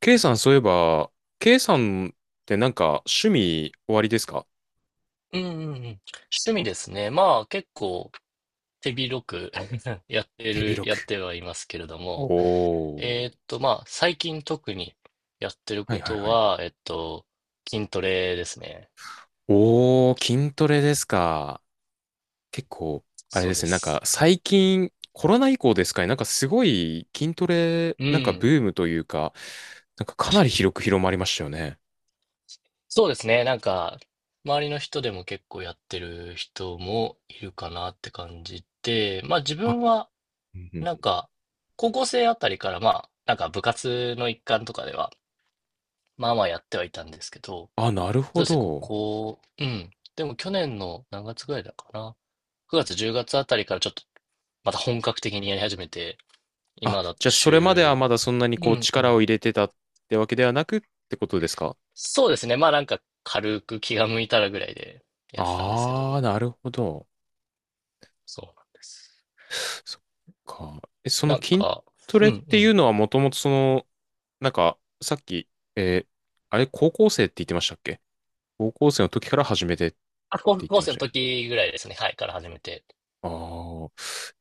K さん、そういえば、K さんってなんか趣味終わりですか？うんうんうん。趣味ですね。まあ結構手広く やって手る、広やっく。てはいますけれども、おー。まあ最近特にやってるはこいはいとはい。は、筋トレですね。おー、筋トレですか。結構、あれそでうですね、なんかす。最近、コロナ以降ですかね、なんかすごい筋トレ、うなんかブん、ームというか、なんかか確なかりに。広く広まりましたよね。そうですね。なんか、周りの人でも結構やってる人もいるかなって感じで、まあ自あ、分はうんうん、なんか、高校生あたりからまあ、なんか部活の一環とかでは、まあまあやってはいたんですけど、あ、なるそほうですね、こど。こ、うん。でも去年の何月ぐらいだかな。9月、10月あたりからちょっとまた本格的にやり始めて、あ、今だじとゃあそれまでは週、まだそんなにうこうんう力をん。入れてたってわけではなくってことですか？そうですね、まあなんか軽く気が向いたらぐらいでやってたんですけあど、ー、なるほど。そうなんです。そっか。え、そのなん筋か、トうレんうっていうん。のはもともとその、なんか、さっき、えーあれ、高校生って言ってましたっけ、高校生の時から始めてってあ、高言っ校てま生しのたっけ？時ぐらいですね、はい、から始めて。ああー。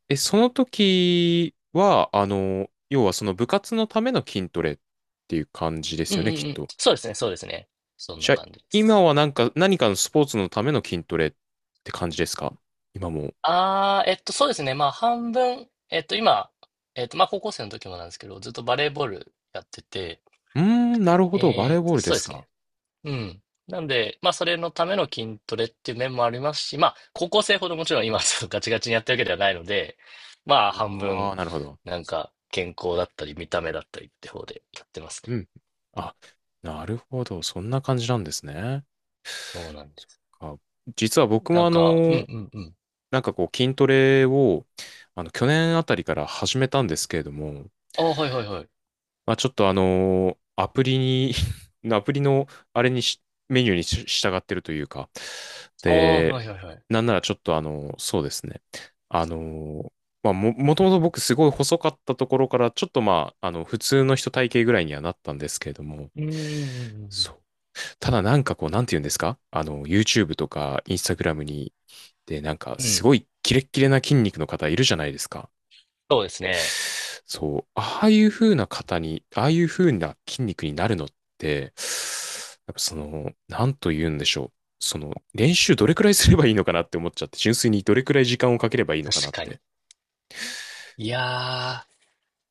え、その時は、あの、要はその部活のための筋トレっていう感じでうすんようんね、きうっん。と。そうですね、そうですね。そんなじゃあ、感じです。今はなんか、何かのスポーツのための筋トレって感じですか？今も。ああ、そうですね。まあ、半分、今、まあ、高校生の時もなんですけど、ずっとバレーボールやってて、うーん、なるほど。バレーボールでそうですすか。ね。うん。なんで、まあ、それのための筋トレっていう面もありますし、まあ、高校生ほどもちろん今、そう ガチガチにやってるわけではないので、まあ、あ半あ分、ー、なるほど。なんか、健康だったり、見た目だったりって方でやってますうね。ん。あ、なるほど。そんな感じなんですね。そうなんです。あ、実は僕なもんあか、うんうの、んうん。なんかこう筋トレを、あの、去年あたりから始めたんですけれども、ああ、はいはいはい。まあちょっとあの、アプリに アプリのあれにし、メニューにし従ってるというか、ああ、で、はいはいはい。なんならちょっとあの、そうですね。あの、まあ、ともと僕すごい細かったところから、ちょっとまあ、あの、普通の人体型ぐらいにはなったんですけれども、うんうんうそんう、ただなんかこう、なんて言うんですかあの、YouTube とか Instagram に、で、なんかうんうん。うすん、ごいキレッキレな筋肉の方いるじゃないですか。そうですね。そう、ああいう風な方に、ああいう風な筋肉になるのって、やっぱその、なんと言うんでしょう。その、練習どれくらいすればいいのかなって思っちゃって、純粋にどれくらい時間をかければいいのかな確っかて。に。いや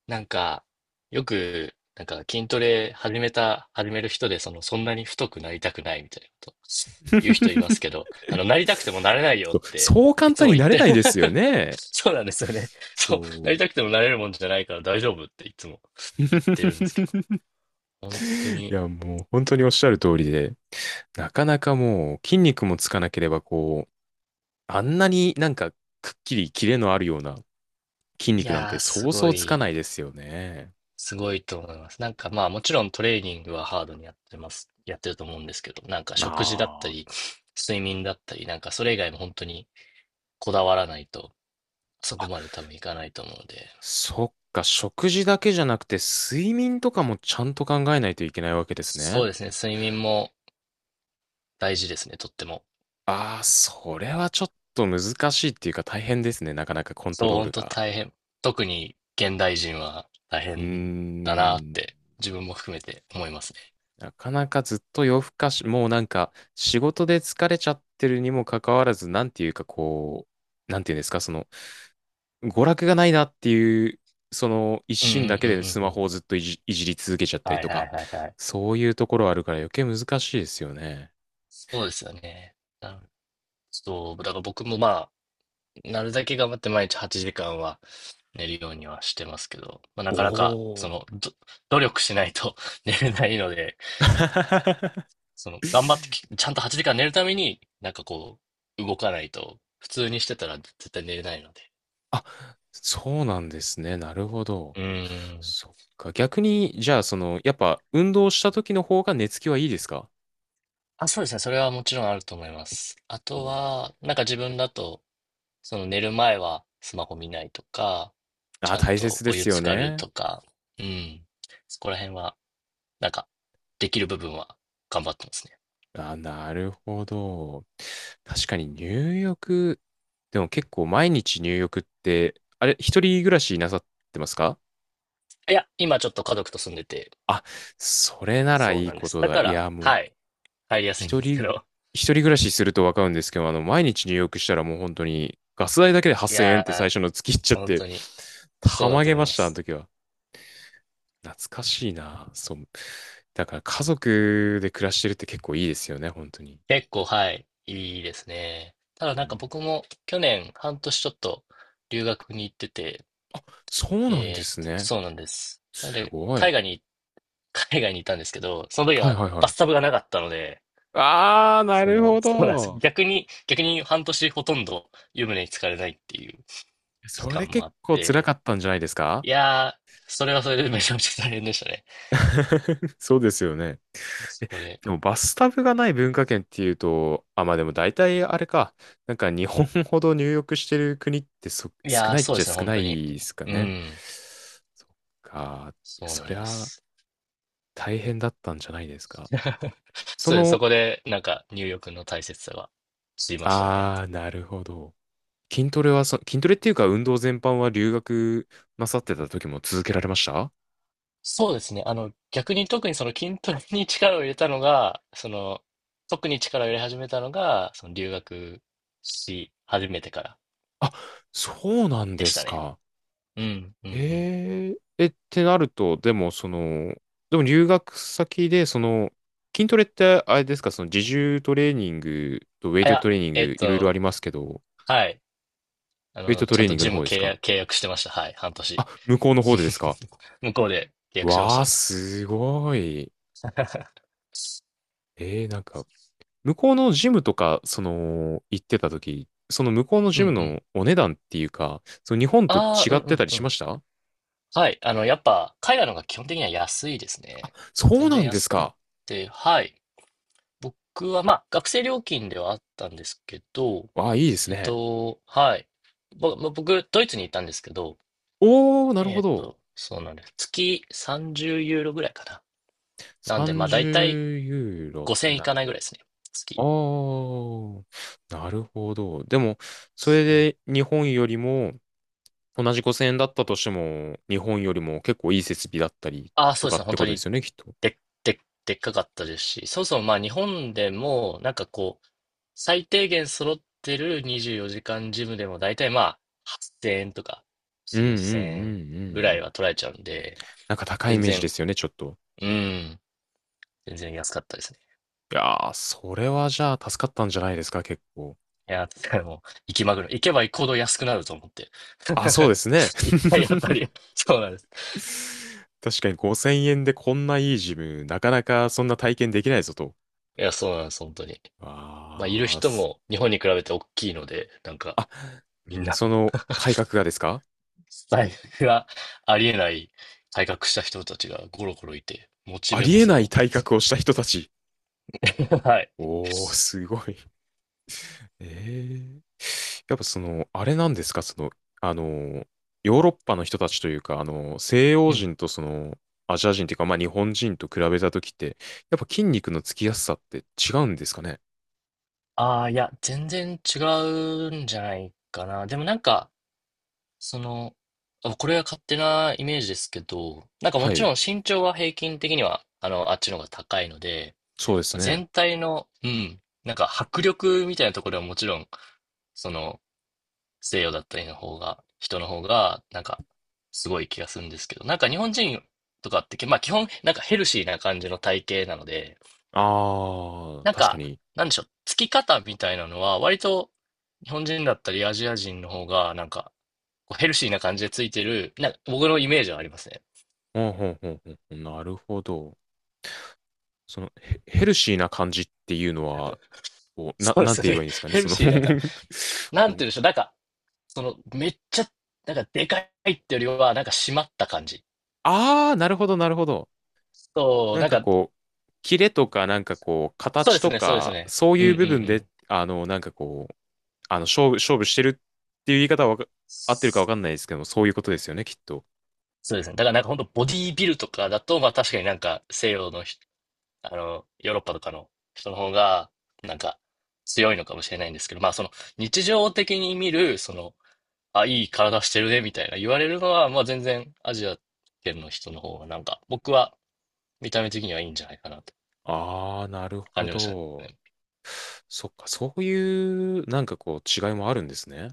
ー、なんか、よく、なんか筋トレ始める人で、その、そんなに太くなりたくないみたいなこと言う人いますけ ど、あの、なりたくてもなれないよそっう、て、そうい簡つ単もに言っなれて ないですよ ね。そうなんですよね。そう、なそりう。たくてもなれるもんじゃないから大丈夫っていつも言ってるんですけど、本当いに、や、もう本当におっしゃる通りで、なかなかもう筋肉もつかなければこう、あんなになんかくっきりキレのあるような筋い肉なんやてー、そすうそごうつかない、いですよね。すごいと思います。なんかまあ、もちろんトレーニングはハードにやってると思うんですけど、なんか食事だったあり、睡眠だったり、なんかそれ以外も本当に、こだわらないと、そあ。こあ、まで多分いかないと思うので。そっか、食事だけじゃなくて睡眠とかもちゃんと考えないといけないわけですそね。うですね、睡眠も大事ですね、とっても。ああ、それはちょっと難しいっていうか大変ですね。なかなかコントそう、ロー本ル当が。大変。特に現代人は大うー変だなっん。て、自分も含めて思いますね。なかなかずっと夜更かし、もうなんか仕事で疲れちゃってるにもかかわらず、なんていうかこう、なんていうんですか、その娯楽がないなっていう、その一うんう心だんけうでスんうマんうん。ホをずっといじり続けちゃったりはいとはか、いはいはい。そういうところあるから余計難しいですよね。そうですよね。そう、だから僕もまあ、なるだけ頑張って毎日8時間は寝るようにはしてますけど、まあ、なおかなか、そお。の、努力しないと 寝れないので、その、頑張ってき、ちゃんと8時間寝るために、なんかこう、動かないと、普通にしてたら絶対寝れないので。あ、そうなんですね。なるほど。うーん。そっか。逆に、じゃあ、その、やっぱ運動した時の方が寝つきはいいですか？あ、そうですね。それはもちろんあると思います。あお、とは、なんか自分だと、その寝る前はスマホ見ないとか、ちあ、ゃん大と切でお湯すよ浸かるね。とか、うん。そこら辺は、なんか、できる部分は頑張ってますね。あ、なるほど。確かに入浴、でも結構毎日入浴って、あれ、一人暮らしなさってますか？いや、今ちょっと家族と住んでて、あ、それならそういいなんでこす。とだだ。かいら、や、もう、はい、入りやすいん一ですけ人、ど。一人暮らしするとわかるんですけど、あの、毎日入浴したらもう本当に、ガス代だけでい8000円やって最ー、初の月いっちゃっ本て、当に、たそうだまとげ思まいました、あのす。時は。懐かしいな。そう。だから家族で暮らしてるって結構いいですよね、本当に。結構、はい、いいですね。ただうなんかん、僕も去年半年ちょっと留学に行ってて、そうなんですね。そうなんです。なのすで、ごい。海外に、海外にいたんですけど、その時はいははいはバい。スタブがなかったので、あー、なそるの、ほそうなんです。ど。逆に半年ほとんど湯船に浸かれないっていう期それ間もあ結っ構辛て、かったんじゃないですか？ いやー、それはそれでめちゃめちゃ大変でしたね。そうですよね。そえこで。でもバスタブがない文化圏っていうと、あ、まあでも大体あれか。なんか日本ほど入浴してる国ってい少やー、ないっそうでちゃすね、少本な当に。いですかうね。ん、そっか。いやそうそなりんでゃす。大変だったんじゃないですか。そそうです。その、こで、なんか、入浴の大切さが知りましたね。あー、なるほど。筋トレっていうか運動全般は留学なさってた時も続けられました？そうですね。あの、逆に特にその筋トレに力を入れたのが、その、特に力を入れ始めたのが、その留学し始めてからあ、そうなんででしすたね。か。うん、うん、うえん。ええ、ってなると、でも、その、でも留学先で、その、筋トレって、あれですか、その自重トレーニングとウェイあ、いトトや、レーニンえっグ、いろいろあと、りますけど、はい。あウェイトの、トちゃんレーとニングジのム方です契か？約、契約してました。はい、半年。あ、向こうの方でですか？ 向こうで契約しましわあ、た。すごい。なんか、向こうのジムとか、その、行ってた時、その向こうのうん、ジうムん。のお値段っていうか、その日本とああ、う違ん、うってん、たりうしまん。した？はい。あの、やっぱ、海外の方が基本的には安いですね。そう全な然んで安すくっか。て、はい。僕は、まあ、学生料金ではあったんですけど、わあ、いいですね。はい。僕、ドイツにいたんですけど、おー、なるほど。そうなんです。月30ユーロぐらいかな。なんで、まあ、だいたい30ユーロって5000いなるかないぐらと、いですね。あ月。あ、なるほど。でも、そそれう、で日本よりも、同じ5000円だったとしても、日本よりも結構いい設備だったりああ、とそうでかすっね。て本こ当とでにすよね、きっと。で、で、でっかかったですし、そもそもまあ、日本でも、なんかこう、最低限揃ってる24時間ジムでも大体まあ8000円とかうんうんうんう9000円ぐんうらいん。は取られちゃうんで、なんか高いイ全メージで然、すよね、ちょっと。うん、全然安かったですね。いやー、それはじゃあ助かったんじゃないですか、結構。いや、だからもう、行きまぐる。行けば行くほど安くなると思って。あ、そうで すね。一回あたり、そうなんです。確かに5000円でこんないいジム、なかなかそんな体験できないぞと。いや、そうなんです、本当に。まあ、いるあー人す。も日本に比べて大きいので、なんか、あ、みんな、その体格がですか？財布がありえない改革した人たちがゴロゴロいて、モチあベりもえすごなかいった体です格をね。した人たち。はい。おー、すごい。ええやっぱその、あれなんですかその、あの、ヨーロッパの人たちというか、あの、西洋うん、人とその、アジア人というか、まあ日本人と比べたときって、やっぱ筋肉のつきやすさって違うんですかね？ああ、いや、全然違うんじゃないかな。でもなんか、その、あ、これは勝手なイメージですけど、なんかもはちい。ろん身長は平均的には、あの、あっちの方が高いので、そうですね。全体の、なんか迫力みたいなところはもちろん、その、西洋だったりの方が、人の方が、なんか、すごい気がするんですけど、なんか日本人とかって、まあ基本、なんかヘルシーな感じの体型なので、ああ、なん確かか、に。なんでしょう、つき方みたいなのは、割と日本人だったりアジア人の方が、なんか、こうヘルシーな感じでついてる、なんか僕のイメージはありますね。うんうんうんうん。なるほど。その、ヘルシーな感じっていうのは、こ う、な、そうでなんすて言えばね。いいんです かね、ヘルその シーだから、なんこてう、言うんでしょう、なんか、その、めっちゃ、なんか、でかいってよりは、なんか、締まった感じ。あー、なるほど、なるほど。そう、なんなんかか、こう、キレとか、なんかこう、そうで形すとね、そうですか、ね。そううんいうんうう部分で、ん。あの、なんかこう、あの、勝負してるっていう言い方は合ってるかわかんないですけども、そういうことですよね、きっと。そうですね。だからなんか本当ボディービルとかだと、まあ確かになんか西洋の人、あの、ヨーロッパとかの人の方が、なんか、強いのかもしれないんですけど、まあ、その、日常的に見る、その、あ、いい体してるね、みたいな言われるのは、まあ、全然、アジア圏の人の方が、なんか、僕は、見た目的にはいいんじゃないかなとあー、なる感ほじましたど。ね。そっか、そういう、なんかこう、違いもあるんですね。